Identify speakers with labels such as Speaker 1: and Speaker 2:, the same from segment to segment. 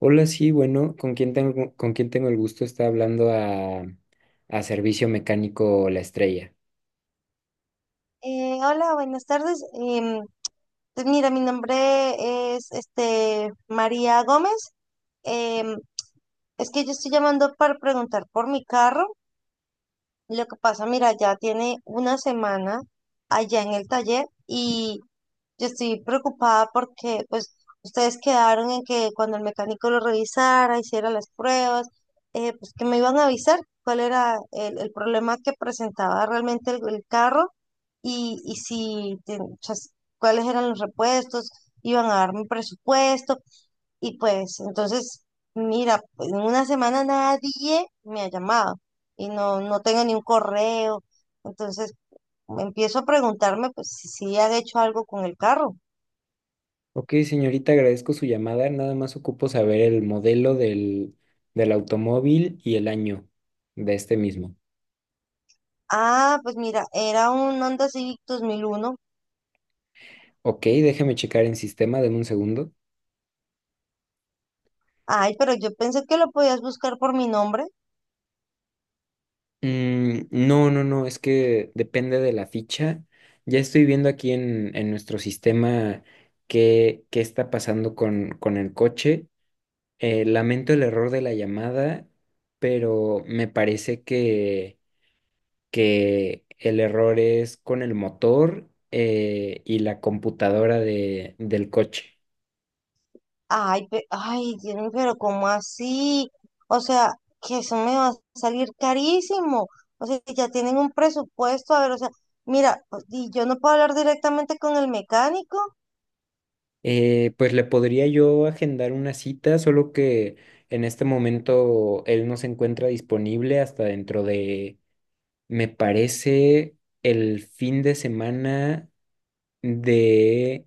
Speaker 1: Hola, sí, bueno, ¿con quién tengo el gusto? Está hablando a Servicio Mecánico La Estrella.
Speaker 2: Hola, buenas tardes. Pues mira, mi nombre es María Gómez. Em, es que yo estoy llamando para preguntar por mi carro. Lo que pasa, mira, ya tiene una semana allá en el taller y yo estoy preocupada porque pues ustedes quedaron en que cuando el mecánico lo revisara, hiciera las pruebas, pues que me iban a avisar cuál era el problema que presentaba realmente el carro y, cuáles eran los repuestos, iban a darme un presupuesto, y pues entonces, mira, pues, en una semana nadie me ha llamado y no, no tengo ni un correo. Entonces empiezo a preguntarme pues si, si han hecho algo con el carro.
Speaker 1: Ok, señorita, agradezco su llamada. Nada más ocupo saber el modelo del automóvil y el año de este mismo.
Speaker 2: Ah, pues mira, era un Honda Civic 2001.
Speaker 1: Ok, déjeme checar en sistema, deme un segundo.
Speaker 2: Ay, pero yo pensé que lo podías buscar por mi nombre.
Speaker 1: Mm, no, no, no, es que depende de la ficha. Ya estoy viendo aquí en nuestro sistema qué está pasando con el coche. Lamento el error de la llamada, pero me parece que el error es con el motor y la computadora del coche.
Speaker 2: Ay, ay, Dios mío, pero ¿cómo así? O sea, que eso me va a salir carísimo. O sea, que ya tienen un presupuesto. A ver, o sea, mira, pues, y yo no puedo hablar directamente con el mecánico.
Speaker 1: Pues le podría yo agendar una cita, solo que en este momento él no se encuentra disponible hasta dentro de, me parece, el fin de semana de,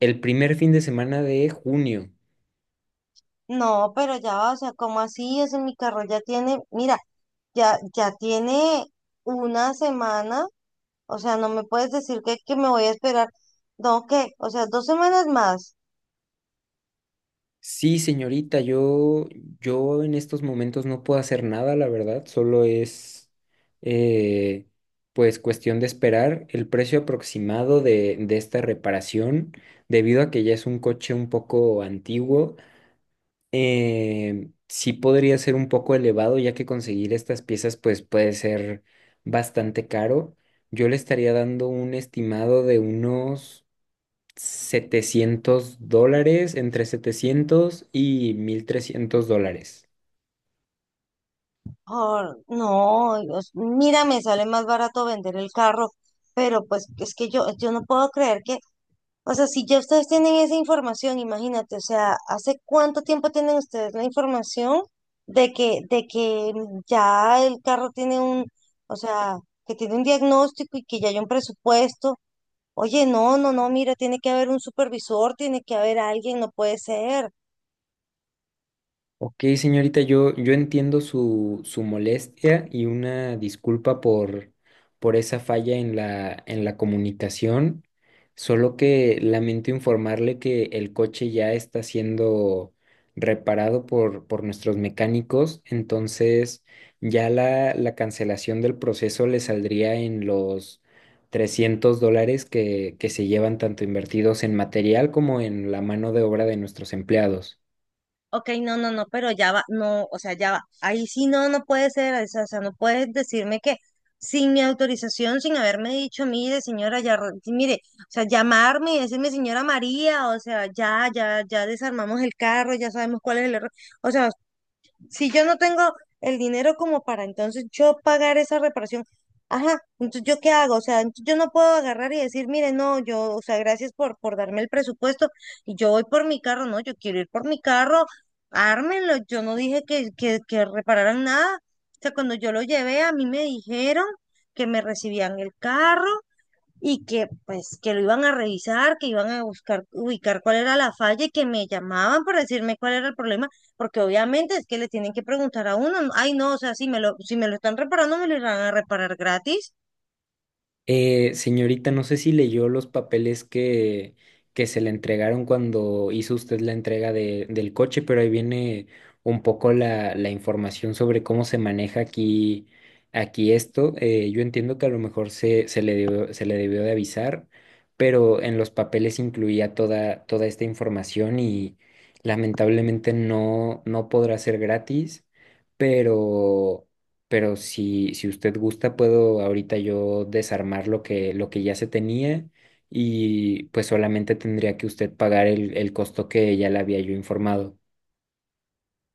Speaker 1: el primer fin de semana de junio.
Speaker 2: No, pero ya, va, o sea, ¿cómo así? Ese mi carro ya tiene, mira, ya, ya tiene una semana. O sea, no me puedes decir que me voy a esperar. No, ¿qué? O sea, dos semanas más.
Speaker 1: Sí, señorita, yo en estos momentos no puedo hacer nada, la verdad, solo es eh, pues cuestión de esperar el precio aproximado de esta reparación, debido a que ya es un coche un poco antiguo, sí podría ser un poco elevado, ya que conseguir estas piezas pues puede ser bastante caro. Yo le estaría dando un estimado de unos $700, entre 700 y $1,300.
Speaker 2: Ah, no, Dios, mira, me sale más barato vender el carro, pero pues es que yo no puedo creer que, o sea, si ya ustedes tienen esa información, imagínate, o sea, ¿hace cuánto tiempo tienen ustedes la información de que, ya el carro tiene un, o sea, que tiene un diagnóstico y que ya hay un presupuesto? Oye, no, no, no, mira, tiene que haber un supervisor, tiene que haber alguien, no puede ser.
Speaker 1: Ok, señorita, yo entiendo su molestia y una disculpa por esa falla en la comunicación, solo que lamento informarle que el coche ya está siendo reparado por nuestros mecánicos. Entonces ya la cancelación del proceso le saldría en los $300 que se llevan tanto invertidos en material como en la mano de obra de nuestros empleados.
Speaker 2: Ok, no, no, no, pero ya va, no, o sea, ya va. Ahí sí no, no puede ser, o sea, no puedes decirme que sin mi autorización, sin haberme dicho, mire, señora, ya, sí, mire, o sea, llamarme y decirme, señora María, o sea, ya, ya, ya desarmamos el carro, ya sabemos cuál es el error. O sea, si yo no tengo el dinero como para entonces yo pagar esa reparación, ajá, entonces yo qué hago, o sea, entonces yo no puedo agarrar y decir, mire, no, yo, o sea, gracias por darme el presupuesto y yo voy por mi carro, no, yo quiero ir por mi carro, ármenlo, yo no dije que, que repararan nada, o sea, cuando yo lo llevé a mí me dijeron que me recibían el carro y que pues que lo iban a revisar, que iban a buscar, ubicar cuál era la falla y que me llamaban para decirme cuál era el problema, porque obviamente es que le tienen que preguntar a uno, ay no, o sea, si me lo, si me lo están reparando, me lo irán a reparar gratis.
Speaker 1: Señorita, no sé si leyó los papeles que se le entregaron cuando hizo usted la entrega del coche, pero ahí viene un poco la información sobre cómo se maneja aquí esto. Yo entiendo que a lo mejor se le debió de avisar, pero en los papeles incluía toda esta información y lamentablemente no, no podrá ser gratis, pero pero si usted gusta, puedo ahorita yo desarmar lo que ya se tenía y pues solamente tendría que usted pagar el costo que ya le había yo informado.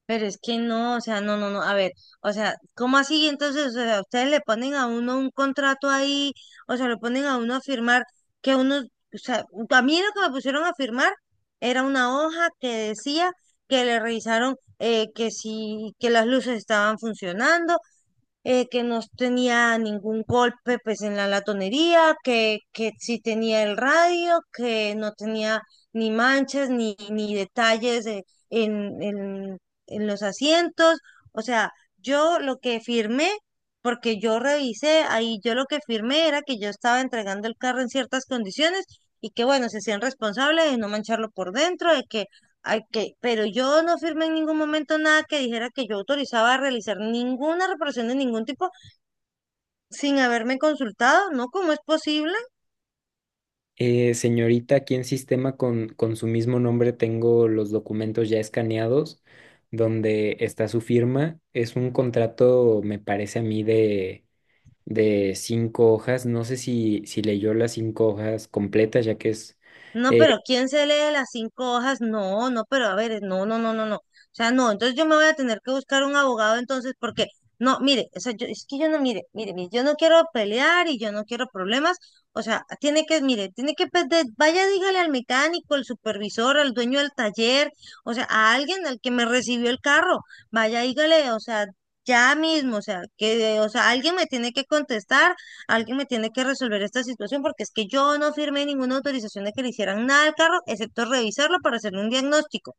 Speaker 2: Pero es que no, o sea, no, no, no, a ver, o sea, ¿cómo así? Entonces, o sea, ustedes le ponen a uno un contrato ahí, o sea, le ponen a uno a firmar que uno, o sea, a mí lo que me pusieron a firmar era una hoja que decía que le revisaron que si, que las luces estaban funcionando, que no tenía ningún golpe pues en la latonería, que sí tenía el radio, que no tenía ni manchas ni, ni detalles en, en, en los asientos. O sea, yo lo que firmé, porque yo revisé ahí, yo lo que firmé era que yo estaba entregando el carro en ciertas condiciones y que bueno, se sean responsables de no mancharlo por dentro, de que ok, pero yo no firmé en ningún momento nada que dijera que yo autorizaba a realizar ninguna reparación de ningún tipo sin haberme consultado, ¿no? ¿Cómo es posible?
Speaker 1: Señorita, aquí en sistema con su mismo nombre tengo los documentos ya escaneados donde está su firma. Es un contrato, me parece a mí, de cinco hojas. No sé si leyó las cinco hojas completas, ya que es...
Speaker 2: No,
Speaker 1: eh,
Speaker 2: pero ¿quién se lee las cinco hojas? No, no, pero a ver, no, no, no, no, no. O sea, no, entonces yo me voy a tener que buscar un abogado entonces porque, no, mire, o sea, yo, es que yo no, mire, mire, mire, yo no quiero pelear y yo no quiero problemas. O sea, tiene que, mire, tiene que, vaya, dígale al mecánico, al supervisor, al dueño del taller, o sea, a alguien al que me recibió el carro, vaya, dígale, o sea, ya mismo, o sea, que, o sea, alguien me tiene que contestar. Alguien me tiene que resolver esta situación porque es que yo no firmé ninguna autorización de que le hicieran nada al carro, excepto revisarlo para hacer un diagnóstico.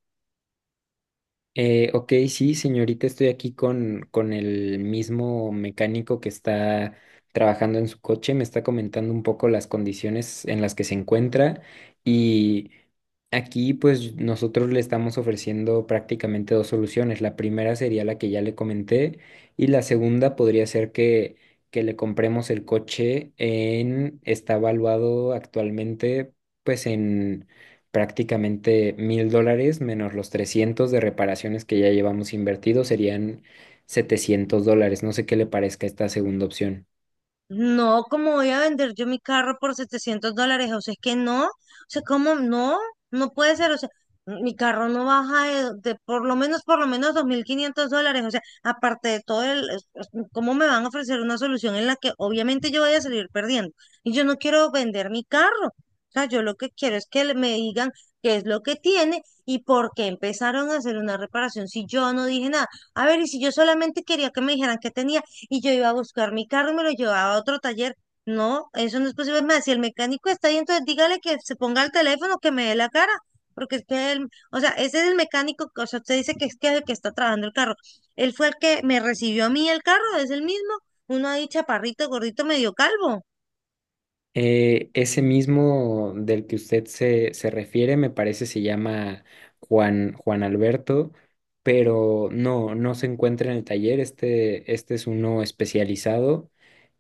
Speaker 1: Ok, sí, señorita, estoy aquí con el mismo mecánico que está trabajando en su coche. Me está comentando un poco las condiciones en las que se encuentra y aquí pues nosotros le estamos ofreciendo prácticamente dos soluciones. La primera sería la que ya le comenté y la segunda podría ser que, que le compremos el coche. Está evaluado actualmente pues en prácticamente $1,000 menos los 300 de reparaciones que ya llevamos invertidos. Serían $700. No sé qué le parezca esta segunda opción.
Speaker 2: No, ¿cómo voy a vender yo mi carro por $700? O sea, es que no, o sea, ¿cómo no? No puede ser, o sea, mi carro no baja de por lo menos $2500, o sea, aparte de todo el, ¿cómo me van a ofrecer una solución en la que obviamente yo voy a salir perdiendo? Y yo no quiero vender mi carro, o sea, yo lo que quiero es que me digan qué es lo que tiene y por qué empezaron a hacer una reparación si yo no dije nada. A ver, y si yo solamente quería que me dijeran qué tenía y yo iba a buscar mi carro y me lo llevaba a otro taller. No, eso no es posible. Me decía el mecánico está ahí, entonces dígale que se ponga el teléfono, que me dé la cara, porque es que él, o sea, ese es el mecánico, o sea, usted dice que es que el que está trabajando el carro. Él fue el que me recibió a mí el carro, es el mismo, uno ahí chaparrito, gordito, medio calvo.
Speaker 1: Ese mismo del que usted se refiere, me parece, se llama Juan Alberto, pero no, no se encuentra en el taller. Este es uno especializado.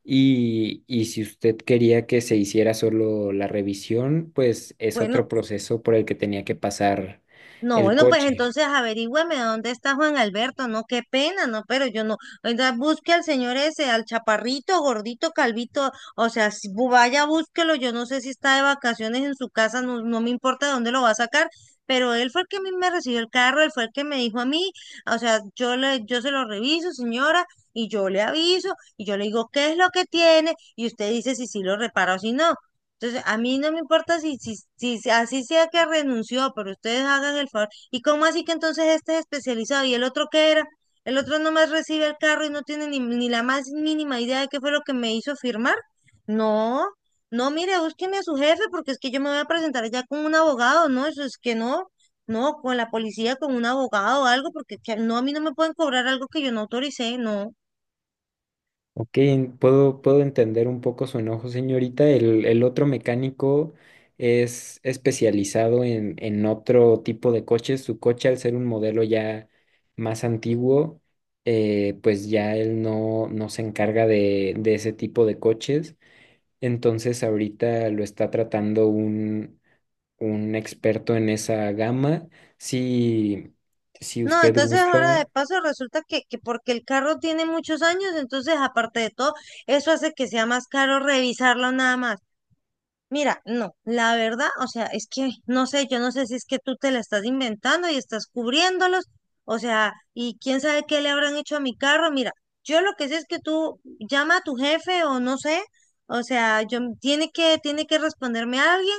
Speaker 1: Y si usted quería que se hiciera solo la revisión, pues es
Speaker 2: Bueno,
Speaker 1: otro proceso por el que tenía que pasar
Speaker 2: no,
Speaker 1: el
Speaker 2: bueno, pues
Speaker 1: coche.
Speaker 2: entonces averígüeme dónde está Juan Alberto, no, qué pena, no, pero yo no, oiga, busque al señor ese, al chaparrito, gordito, calvito, o sea, si bu- vaya, búsquelo, yo no sé si está de vacaciones en su casa, no, no me importa dónde lo va a sacar, pero él fue el que a mí me recibió el carro, él fue el que me dijo a mí, o sea, yo le, yo se lo reviso, señora, y yo le aviso, y yo le digo, ¿qué es lo que tiene? Y usted dice si sí lo repara o si no. Entonces, a mí no me importa si, si, así sea que renunció, pero ustedes hagan el favor. ¿Y cómo así que entonces este es especializado y el otro qué era? El otro nomás recibe el carro y no tiene ni, ni la más mínima idea de qué fue lo que me hizo firmar. No, no, mire, búsqueme a su jefe porque es que yo me voy a presentar ya con un abogado, ¿no? Eso es que no, no, con la policía, con un abogado o algo, porque no, a mí no me pueden cobrar algo que yo no autoricé, no.
Speaker 1: Ok, puedo entender un poco su enojo, señorita. El otro mecánico es especializado en otro tipo de coches. Su coche, al ser un modelo ya más antiguo, pues ya él no, no se encarga de ese tipo de coches. Entonces ahorita lo está tratando un experto en esa gama. Si, si
Speaker 2: No,
Speaker 1: usted
Speaker 2: entonces ahora de
Speaker 1: gusta.
Speaker 2: paso resulta que, porque el carro tiene muchos años, entonces aparte de todo, eso hace que sea más caro revisarlo nada más. Mira, no, la verdad, o sea, es que no sé, yo no sé si es que tú te la estás inventando y estás cubriéndolos, o sea, y quién sabe qué le habrán hecho a mi carro. Mira, yo lo que sé es que tú llama a tu jefe o no sé, o sea, yo tiene que responderme a alguien.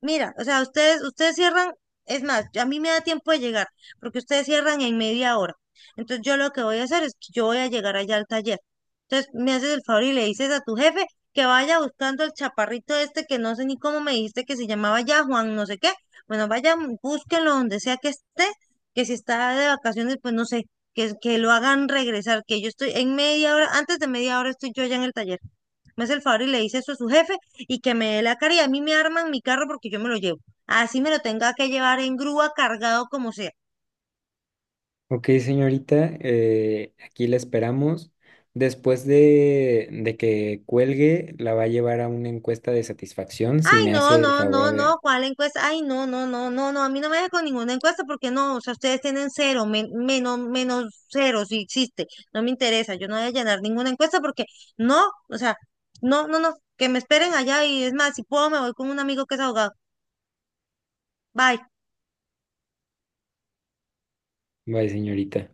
Speaker 2: Mira, o sea, ustedes, ustedes cierran, es más, a mí me da tiempo de llegar, porque ustedes cierran en media hora. Entonces yo lo que voy a hacer es que yo voy a llegar allá al taller. Entonces me haces el favor y le dices a tu jefe que vaya buscando el chaparrito este que no sé ni cómo me dijiste que se llamaba ya Juan, no sé qué. Bueno, vaya, búsquenlo donde sea que esté, que si está de vacaciones, pues no sé, que, lo hagan regresar, que yo estoy en media hora, antes de media hora estoy yo allá en el taller. Me hace el favor y le dice eso a su jefe y que me dé la cara y a mí me arman mi carro porque yo me lo llevo. Así me lo tenga que llevar en grúa, cargado como sea.
Speaker 1: Ok, señorita, aquí la esperamos. Después de que cuelgue, la va a llevar a una encuesta de satisfacción, si
Speaker 2: Ay,
Speaker 1: me
Speaker 2: no,
Speaker 1: hace el
Speaker 2: no,
Speaker 1: favor
Speaker 2: no,
Speaker 1: de...
Speaker 2: no, ¿cuál encuesta? Ay, no, no, no, no, no, a mí no me deja con ninguna encuesta porque no, o sea, ustedes tienen cero, menos, menos cero si existe, no me interesa, yo no voy a llenar ninguna encuesta porque no, o sea, no, no, no, que me esperen allá y es más, si puedo me voy con un amigo que es abogado. Bye.
Speaker 1: Bye, señorita.